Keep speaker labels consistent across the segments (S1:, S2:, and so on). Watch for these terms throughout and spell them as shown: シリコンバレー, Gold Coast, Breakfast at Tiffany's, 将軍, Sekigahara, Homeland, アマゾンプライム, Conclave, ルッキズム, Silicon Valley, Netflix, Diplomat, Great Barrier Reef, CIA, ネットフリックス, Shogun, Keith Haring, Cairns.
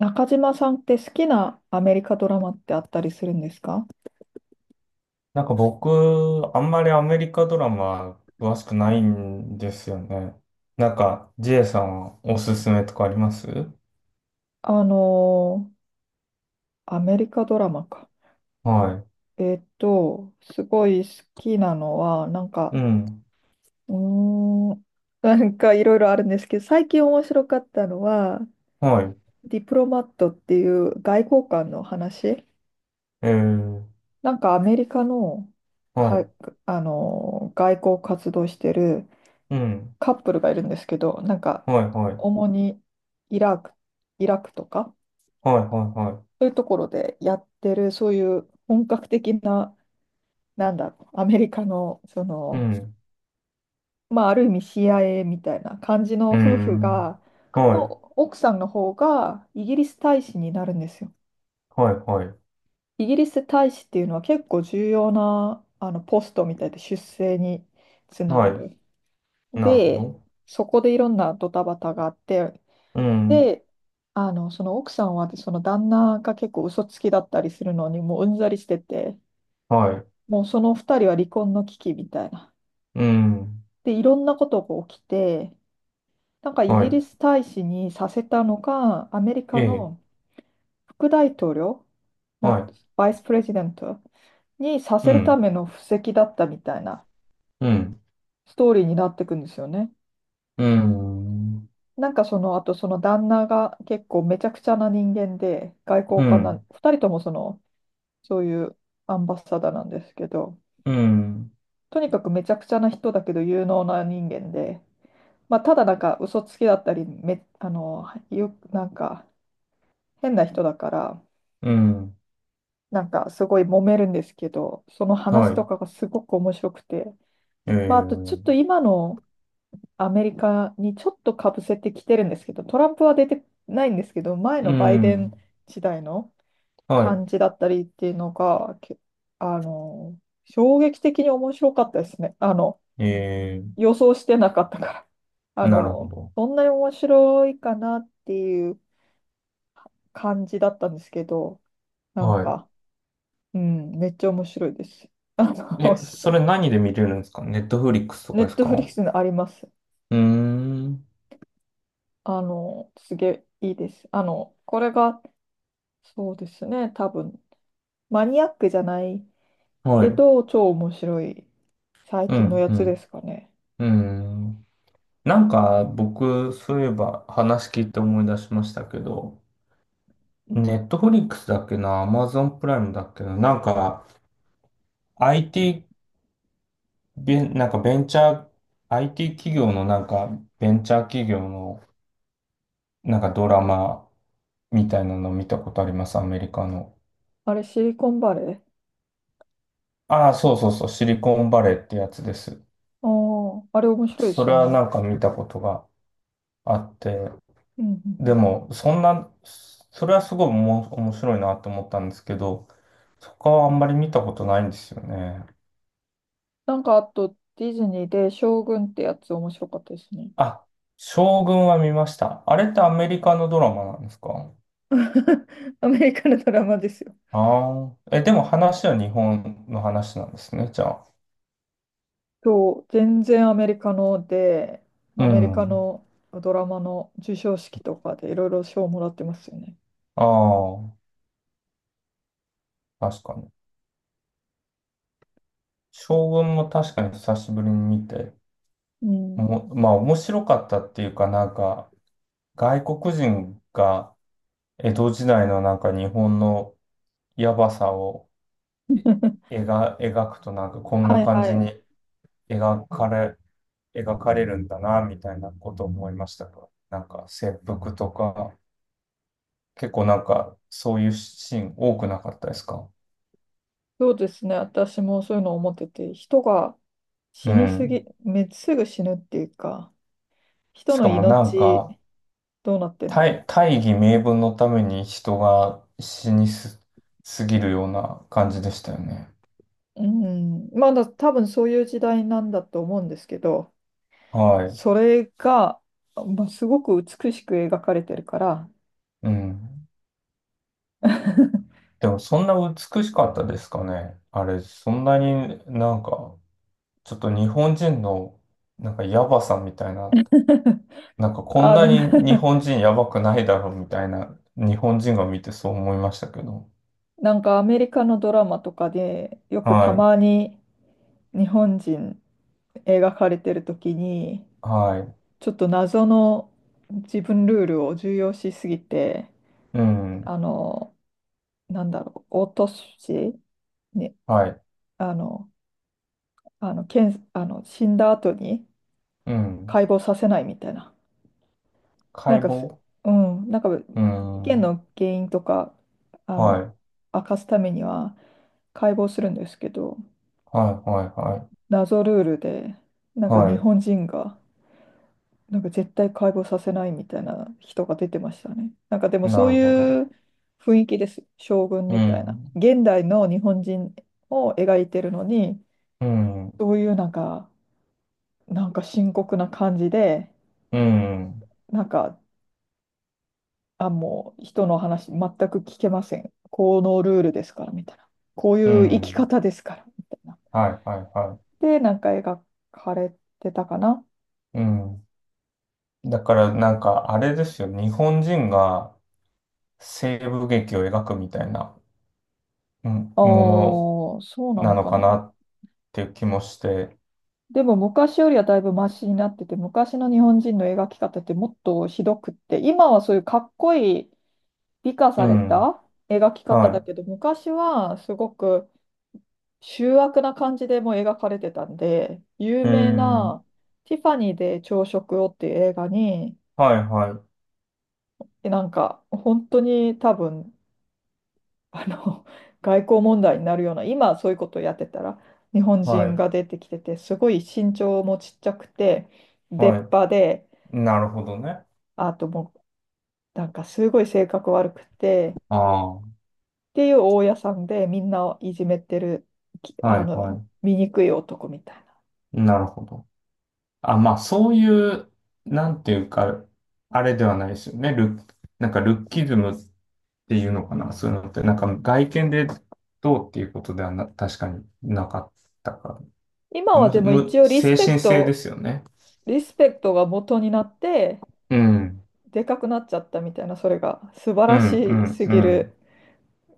S1: 中島さんって好きなアメリカドラマってあったりするんですか？
S2: なんか僕、あんまりアメリカドラマ詳しくないんですよね。なんか、ジェイさんはおすすめとかあります？
S1: あのーアメリカドラマか。
S2: は
S1: すごい好きなのは、
S2: い。うん。
S1: うーん、いろいろあるんですけど、最近面白かったのは、
S2: はい。
S1: ディプロマットっていう外交官の話。
S2: えー、
S1: アメリカの、か、
S2: は
S1: あのー外交活動してる
S2: い。うん。
S1: カップルがいるんですけど、
S2: はい、はい。
S1: 主にイラク、イラクとか。
S2: はい、はい、は
S1: そういうところでやってる、そういう本格的な、なんだろう、アメリカの、
S2: い。うん。
S1: まあ、ある意味 CIA みたいな感じの
S2: う
S1: 夫婦
S2: ん。
S1: が、
S2: は
S1: の
S2: い。
S1: 奥さんの方がイギリス大使になるんですよ。
S2: はい、はい。
S1: イギリス大使っていうのは結構重要なあのポストみたいで、出世につな
S2: は
S1: がる。
S2: い。なるほ
S1: で、
S2: ど。
S1: そこでいろんなドタバタがあって、
S2: うん。
S1: で、その奥さんはその旦那が結構嘘つきだったりするのにもううんざりしてて、
S2: はい。
S1: もうその二人は離婚の危機みたいな。
S2: うん。
S1: で、いろんなことが起きて、イ
S2: は
S1: ギ
S2: い。
S1: リス大使にさせたのが、アメリ
S2: え
S1: カ
S2: え。
S1: の副大統領、な、
S2: は
S1: バイスプレジデントにさ
S2: い。う
S1: せるた
S2: ん。
S1: めの布石だったみたいな
S2: うん。
S1: ストーリーになっていくんですよね。
S2: うん。
S1: その、あとその旦那が結構めちゃくちゃな人間で、外
S2: う
S1: 交官な、
S2: ん。
S1: 二人ともそういうアンバサダーなんですけど、
S2: うん。
S1: とにかくめちゃくちゃな人だけど有能な人間で、まあ、ただ嘘つきだったりめ、あの、よ、なんか変な人だから、
S2: うん。
S1: すごい揉めるんですけど、その話
S2: は
S1: と
S2: い。
S1: かがすごく面白くて、
S2: え
S1: まあ、あとちょっと
S2: ー、
S1: 今のアメリカにちょっとかぶせてきてるんですけど、トランプは出てないんですけど、前
S2: う
S1: のバイデン
S2: ん。
S1: 時代の感
S2: は
S1: じだったりっていうのが、けあの、衝撃的に面白かったですね。
S2: い。え
S1: 予想してなかったから。
S2: ー、なるほど。
S1: そんなに面白いかなっていう感じだったんですけど、なん
S2: は
S1: か、うん、めっちゃ面白いです。あ
S2: い。
S1: の、
S2: え、それ 何で見れるんですか？ネットフリックスと
S1: ネ
S2: かで
S1: ッ
S2: す
S1: トフリック
S2: か？
S1: スにあります。
S2: うーん。
S1: すげえいいです。あの、これが、そうですね、多分、マニアックじゃない
S2: はい。
S1: け
S2: う
S1: ど、超面白い最近の
S2: ん、
S1: や
S2: う
S1: つで
S2: ん。
S1: すかね。
S2: うーん。なんか、僕、そういえば話聞いて思い出しましたけど、ネットフリックスだっけな、アマゾンプライムだっけな、なんか、IT、なんかベンチャー、IT 企業のなんか、ベンチャー企業のなんかドラマみたいなの見たことあります、アメリカの。
S1: あれ、シリコンバレー。
S2: ああ、そうそうそう、シリコンバレーってやつです。
S1: ああ、あれ面白いで
S2: そ
S1: す
S2: れ
S1: よ
S2: は
S1: ね。
S2: なんか見たことがあって、
S1: うんうんう
S2: で
S1: ん。
S2: も、そんな、それはすごい面白いなと思ったんですけど、他はあんまり見たことないんですよね。
S1: あと、ディズニーで将軍ってやつ面白かったですね。
S2: あ、将軍は見ました。あれってアメリカのドラマなんですか？
S1: アメリカのドラマですよ。
S2: ああえ、でも話は日本の話なんですね、じゃあ。
S1: そう、全然アメリカので、
S2: う
S1: アメリカ
S2: ん。
S1: のドラマの授賞式とかでいろいろ賞をもらってますよね。
S2: ああ、確かに。将軍も確かに久しぶりに見て、
S1: うん。
S2: まあ面白かったっていうかなんか、外国人が江戸時代のなんか日本のやばさを 描くとなんかこんな
S1: はい
S2: 感
S1: は
S2: じ
S1: い。
S2: に描かれ、描かれるんだなみたいなことを思いましたか。なんか切腹とか、結構なんかそういうシーン多くなかったですか？
S1: そうですね。私もそういうのを思ってて、人が
S2: う
S1: 死にす
S2: ん。
S1: ぎ、め、すぐ死ぬっていうか、人
S2: し
S1: の
S2: かもなん
S1: 命
S2: か
S1: どうなってんだろ
S2: 大義名分のために人が死にす、すぎるような感じでしたよね。
S1: う。うん。まだ多分そういう時代なんだと思うんですけど、
S2: はい。
S1: それが、まあ、すごく美しく描かれてるから、
S2: うん。でもそんな美しかったですかね？あれ、そんなになんか、ちょっと日本人のなんかヤバさみたいな、なんかこ
S1: あ
S2: ん
S1: あ、
S2: なに日
S1: か
S2: 本人ヤバくないだろうみたいな、日本人が見てそう思いましたけど。
S1: アメリカのドラマとかでよくた
S2: は
S1: まに日本人描かれてる時に、
S2: い、は
S1: ちょっと謎の自分ルールを重要視しすぎて、
S2: い、うん、
S1: あのなんだろう、落としに、
S2: はい、
S1: あのあの検あの死んだ後に
S2: うん。
S1: 解剖させないみたいな。な
S2: 解
S1: んかす
S2: 剖、
S1: うん、
S2: うん、
S1: 事件
S2: はい、
S1: の原因とか、あ
S2: は
S1: の
S2: い、
S1: 明かすためには解剖するんですけど、
S2: はい、
S1: 謎ルールで、
S2: は
S1: 日
S2: い、は
S1: 本人が絶対解剖させないみたいな人が出てましたね。でも
S2: い、な
S1: そう
S2: るほど。
S1: いう雰囲気です。将軍
S2: う
S1: みたいな。
S2: ん、
S1: 現代の日本人を描いてるのに、
S2: うん、
S1: そういうなんか、なんか深刻な感じで、
S2: うん、
S1: なんか、あ、もう人の話全く聞けません。このルールですからみたいな。こうい
S2: う
S1: う生き
S2: ん、
S1: 方ですからみたいな。
S2: はい、はい、は
S1: で、描かれてたかな。
S2: い、うん。だからなんかあれですよ、日本人が西部劇を描くみたいな、うん、
S1: あ
S2: も
S1: あ、
S2: の
S1: そうな
S2: な
S1: の
S2: の
S1: か
S2: か
S1: な。
S2: なっていう気もして、
S1: でも昔よりはだいぶマシになってて、昔の日本人の描き方ってもっとひどくって、今はそういうかっこいい美化
S2: う
S1: され
S2: ん、
S1: た描き方だ
S2: は
S1: けど、昔はすごく醜悪な感じでもう描かれてたんで、有
S2: い、うー
S1: 名
S2: ん、
S1: なティファニーで朝食をっていう映画に、
S2: はいはい、
S1: 本当に多分、あの、外交問題になるような、今そういうことをやってたら、日本
S2: は
S1: 人
S2: い、
S1: が出てきてて、すごい身長もちっちゃくて、出
S2: は
S1: っ
S2: い、
S1: 歯で、
S2: なるほどね。
S1: あともうすごい性格悪くて
S2: ああ、は
S1: っていう大家さんで、みんなをいじめてる、きあ
S2: い
S1: の
S2: は
S1: 醜い男みたいな。
S2: い、なるほど。あ、まあそういう、なんていうか、あれではないですよね。なんかルッキズムっていうのかな、そういうのって、なんか外見でどうっていうことではな、確かになかったから。
S1: 今はでも一応
S2: 精神性ですよね。
S1: リスペクトが元になって、
S2: うん。
S1: でかくなっちゃったみたいな、それが素晴
S2: う
S1: ら
S2: ん、う
S1: し
S2: ん、
S1: す
S2: う
S1: ぎる
S2: ん。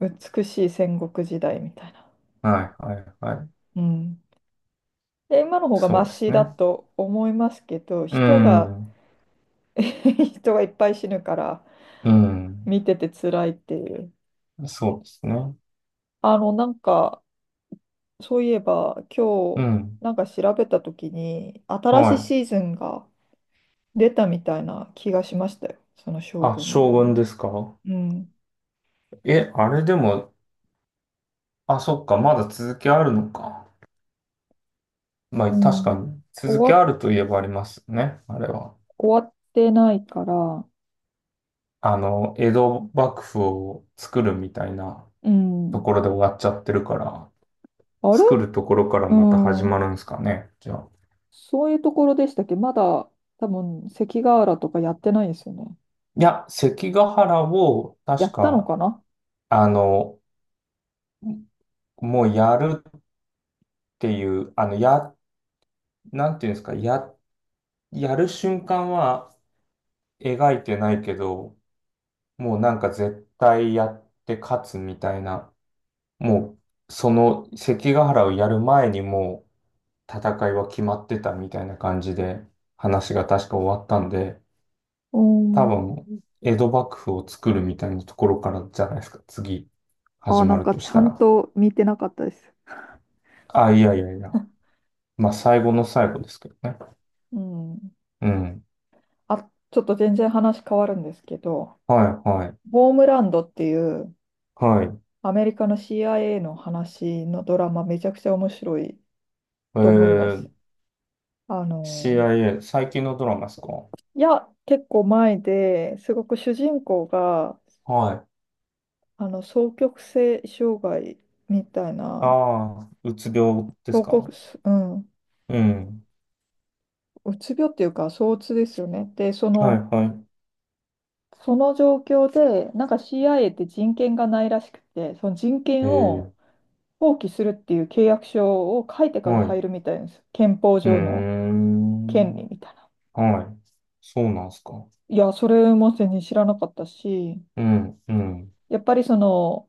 S1: 美しい戦国時代みたいな、
S2: はい、はい、はい。
S1: うん、で今の方がマ
S2: そうで
S1: シ
S2: す
S1: だ
S2: ね。
S1: と思いますけど、
S2: う
S1: 人が
S2: ん、
S1: 人がいっぱい死ぬから
S2: うん。
S1: 見てて辛いっていう。
S2: そうですね。
S1: あのなんかそういえば、今
S2: う
S1: 日
S2: ん。
S1: 調べたときに、新し
S2: は
S1: いシー
S2: い。
S1: ズンが出たみたいな気がしましたよ。その将
S2: あ、将軍
S1: 軍。
S2: ですか？
S1: うん。
S2: え、あれでも、あ、そっか、まだ続きあるのか。まあ、
S1: う
S2: 確か
S1: ん。
S2: に、続き
S1: 終わ、
S2: あるといえばありますよね、あれは。
S1: 終わってないから、
S2: あの、江戸幕府を作るみたいな
S1: う
S2: と
S1: ん。
S2: ころで終わっちゃってるから、
S1: あれ、
S2: 作るところから
S1: う
S2: また始ま
S1: ん。
S2: るんですかね、じゃあ。
S1: そういうところでしたっけ、まだ、多分、関ヶ原とかやってないですよね。
S2: いや、関ヶ原を、
S1: や
S2: 確
S1: ったの
S2: か、
S1: かな。
S2: あの、もうやるっていう、なんていうんですか、やる瞬間は描いてないけど、もうなんか絶対やって勝つみたいな、もう、その関ヶ原をやる前にもう戦いは決まってたみたいな感じで、話が確か終わったんで、
S1: う
S2: 多
S1: ん。
S2: 分、江戸幕府を作るみたいなところからじゃないですか、次、
S1: あ、
S2: 始まると
S1: ち
S2: し
S1: ゃ
S2: た
S1: ん
S2: ら。
S1: と見てなかったです。
S2: あ、いやいやいや。まあ、最後の最後ですけどね。
S1: うん。
S2: うん。
S1: あ、ちょっと全然話変わるんですけど、
S2: はい、はい、
S1: ボームランドっていう
S2: はい。
S1: アメリカの CIA の話のドラマ、めちゃくちゃ面白い
S2: え
S1: と思いま
S2: ー、
S1: す。あの、
S2: CIA、最近のドラマですか？
S1: いや、結構前で、すごく主人公が
S2: はい。
S1: 双極性障害みたい
S2: あ
S1: な、
S2: あ、うつ病です
S1: 双極、
S2: か？
S1: うん、
S2: うん。
S1: うつ病っていうか、躁うつですよね。で、
S2: はい、は
S1: その状況で、CIA って人権がないらしくて、その人
S2: い。え
S1: 権を
S2: ー、
S1: 放棄するっていう契約書を書いてから
S2: はい。
S1: 入
S2: う
S1: るみたいです。憲法
S2: ー
S1: 上の権
S2: ん。
S1: 利みたいな。
S2: はい。そうなんですか？
S1: いや、それも全然知らなかったし、
S2: うん、うん。
S1: やっぱり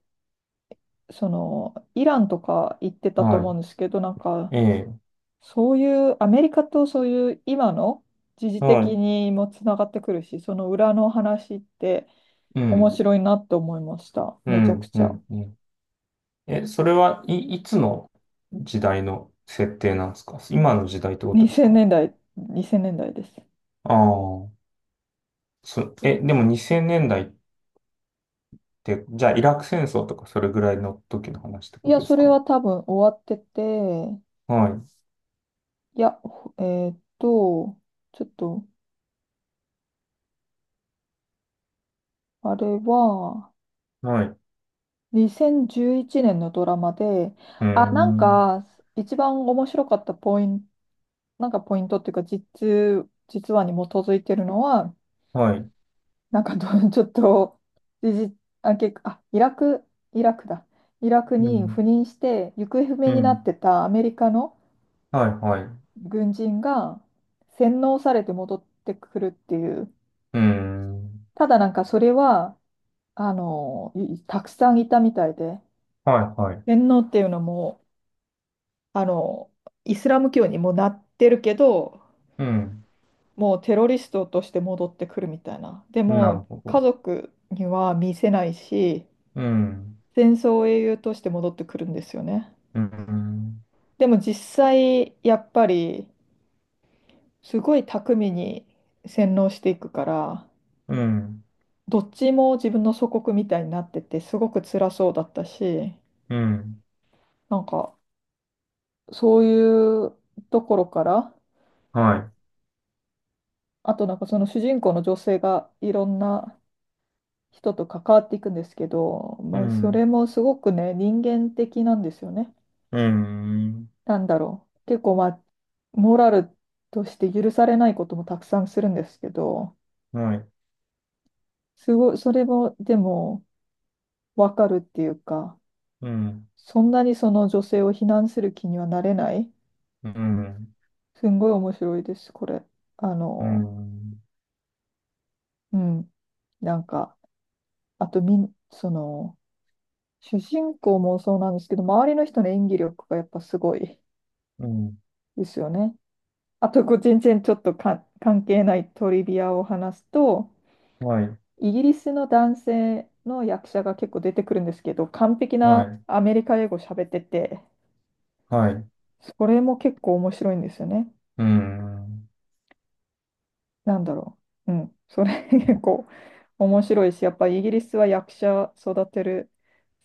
S1: その、イランとか行ってたと思う
S2: は
S1: んですけど、
S2: い。え
S1: そういう、アメリカと、そういう今の時事
S2: ー、は
S1: 的
S2: い。
S1: にもつながってくるし、その裏の話って
S2: う
S1: 面
S2: ん、
S1: 白いなって思いました。
S2: う
S1: めちゃく
S2: ん、
S1: ち
S2: う
S1: ゃ。
S2: ん、うん。え、それは、いつの時代の設定なんですか？今の時代ってことです
S1: 2000
S2: か？
S1: 年代、2000年代です。
S2: ああー。え、でも2000年代って、じゃあイラク戦争とかそれぐらいの時の話って
S1: い
S2: こ
S1: や、
S2: とで
S1: そ
S2: す
S1: れ
S2: か？
S1: は多分終わってて、
S2: はい、
S1: いや、ほえーっと、ちょっと、あれは
S2: はい、う
S1: 2011年のドラマで、
S2: ー
S1: あ、
S2: ん、
S1: 一番面白かったポイント、ポイントっていうか、実話に基づいてるのは、
S2: はい、
S1: なんかど、ちょっと、時事あ、結あ、イラク、イラクだ。イラク
S2: う
S1: に赴
S2: ん、
S1: 任して、行方不明
S2: う
S1: になっ
S2: ん、
S1: てたアメリカの
S2: はい、はい、う
S1: 軍人が洗脳されて戻ってくるっていう。
S2: ーん、
S1: ただそれは、たくさんいたみたいで、
S2: はい、はい、
S1: 洗脳っていうのも、あの、イスラム教にもなってるけど、
S2: うん、
S1: もうテロリストとして戻ってくるみたいな。で
S2: なる
S1: も、
S2: ほ
S1: 家
S2: ど、
S1: 族には見せないし、
S2: うん、
S1: 戦争英雄として戻ってくるんですよね。
S2: うん、
S1: でも実際、やっぱり、すごい巧みに洗脳していくから、
S2: うん、
S1: どっちも自分の祖国みたいになってて、すごく辛そうだったし、
S2: うん、
S1: なんか、そういうところから、
S2: は
S1: あとその主人公の女性がいろんな人と関わっていくんですけど、
S2: い、う
S1: まあ、それ
S2: ん、
S1: もすごくね、人間的なんですよね。
S2: うん、
S1: なんだろう。結構、まあ、モラルとして許されないこともたくさんするんですけど、
S2: はい、
S1: すごい、それも、でも、わかるっていうか、
S2: うん、
S1: そんなにその女性を非難する気にはなれない。
S2: うん、
S1: すんごい面白いです、これ。あ
S2: う
S1: の、
S2: ん、
S1: うん。なんか、あとみん、その、主人公もそうなんですけど、周りの人の演技力がやっぱすごい
S2: うん、
S1: ですよね。あと、こう、全然ちょっと関係ないトリビアを話すと、
S2: はい、
S1: イギリスの男性の役者が結構出てくるんですけど、完璧
S2: は
S1: な
S2: い、
S1: アメリカ英語喋ってて、
S2: はい、
S1: それも結構面白いんですよね。
S2: うん、
S1: なんだろう。うん。それ 結構面白いし、やっぱイギリスは役者育てる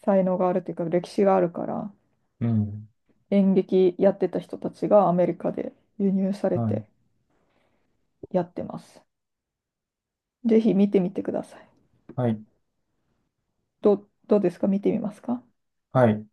S1: 才能があるというか、歴史があるから、
S2: うん、
S1: 演劇やってた人たちがアメリカで輸入され
S2: は
S1: て
S2: い、
S1: やってます。ぜひ見てみてください。
S2: はい、
S1: どうですか、見てみますか？
S2: はい。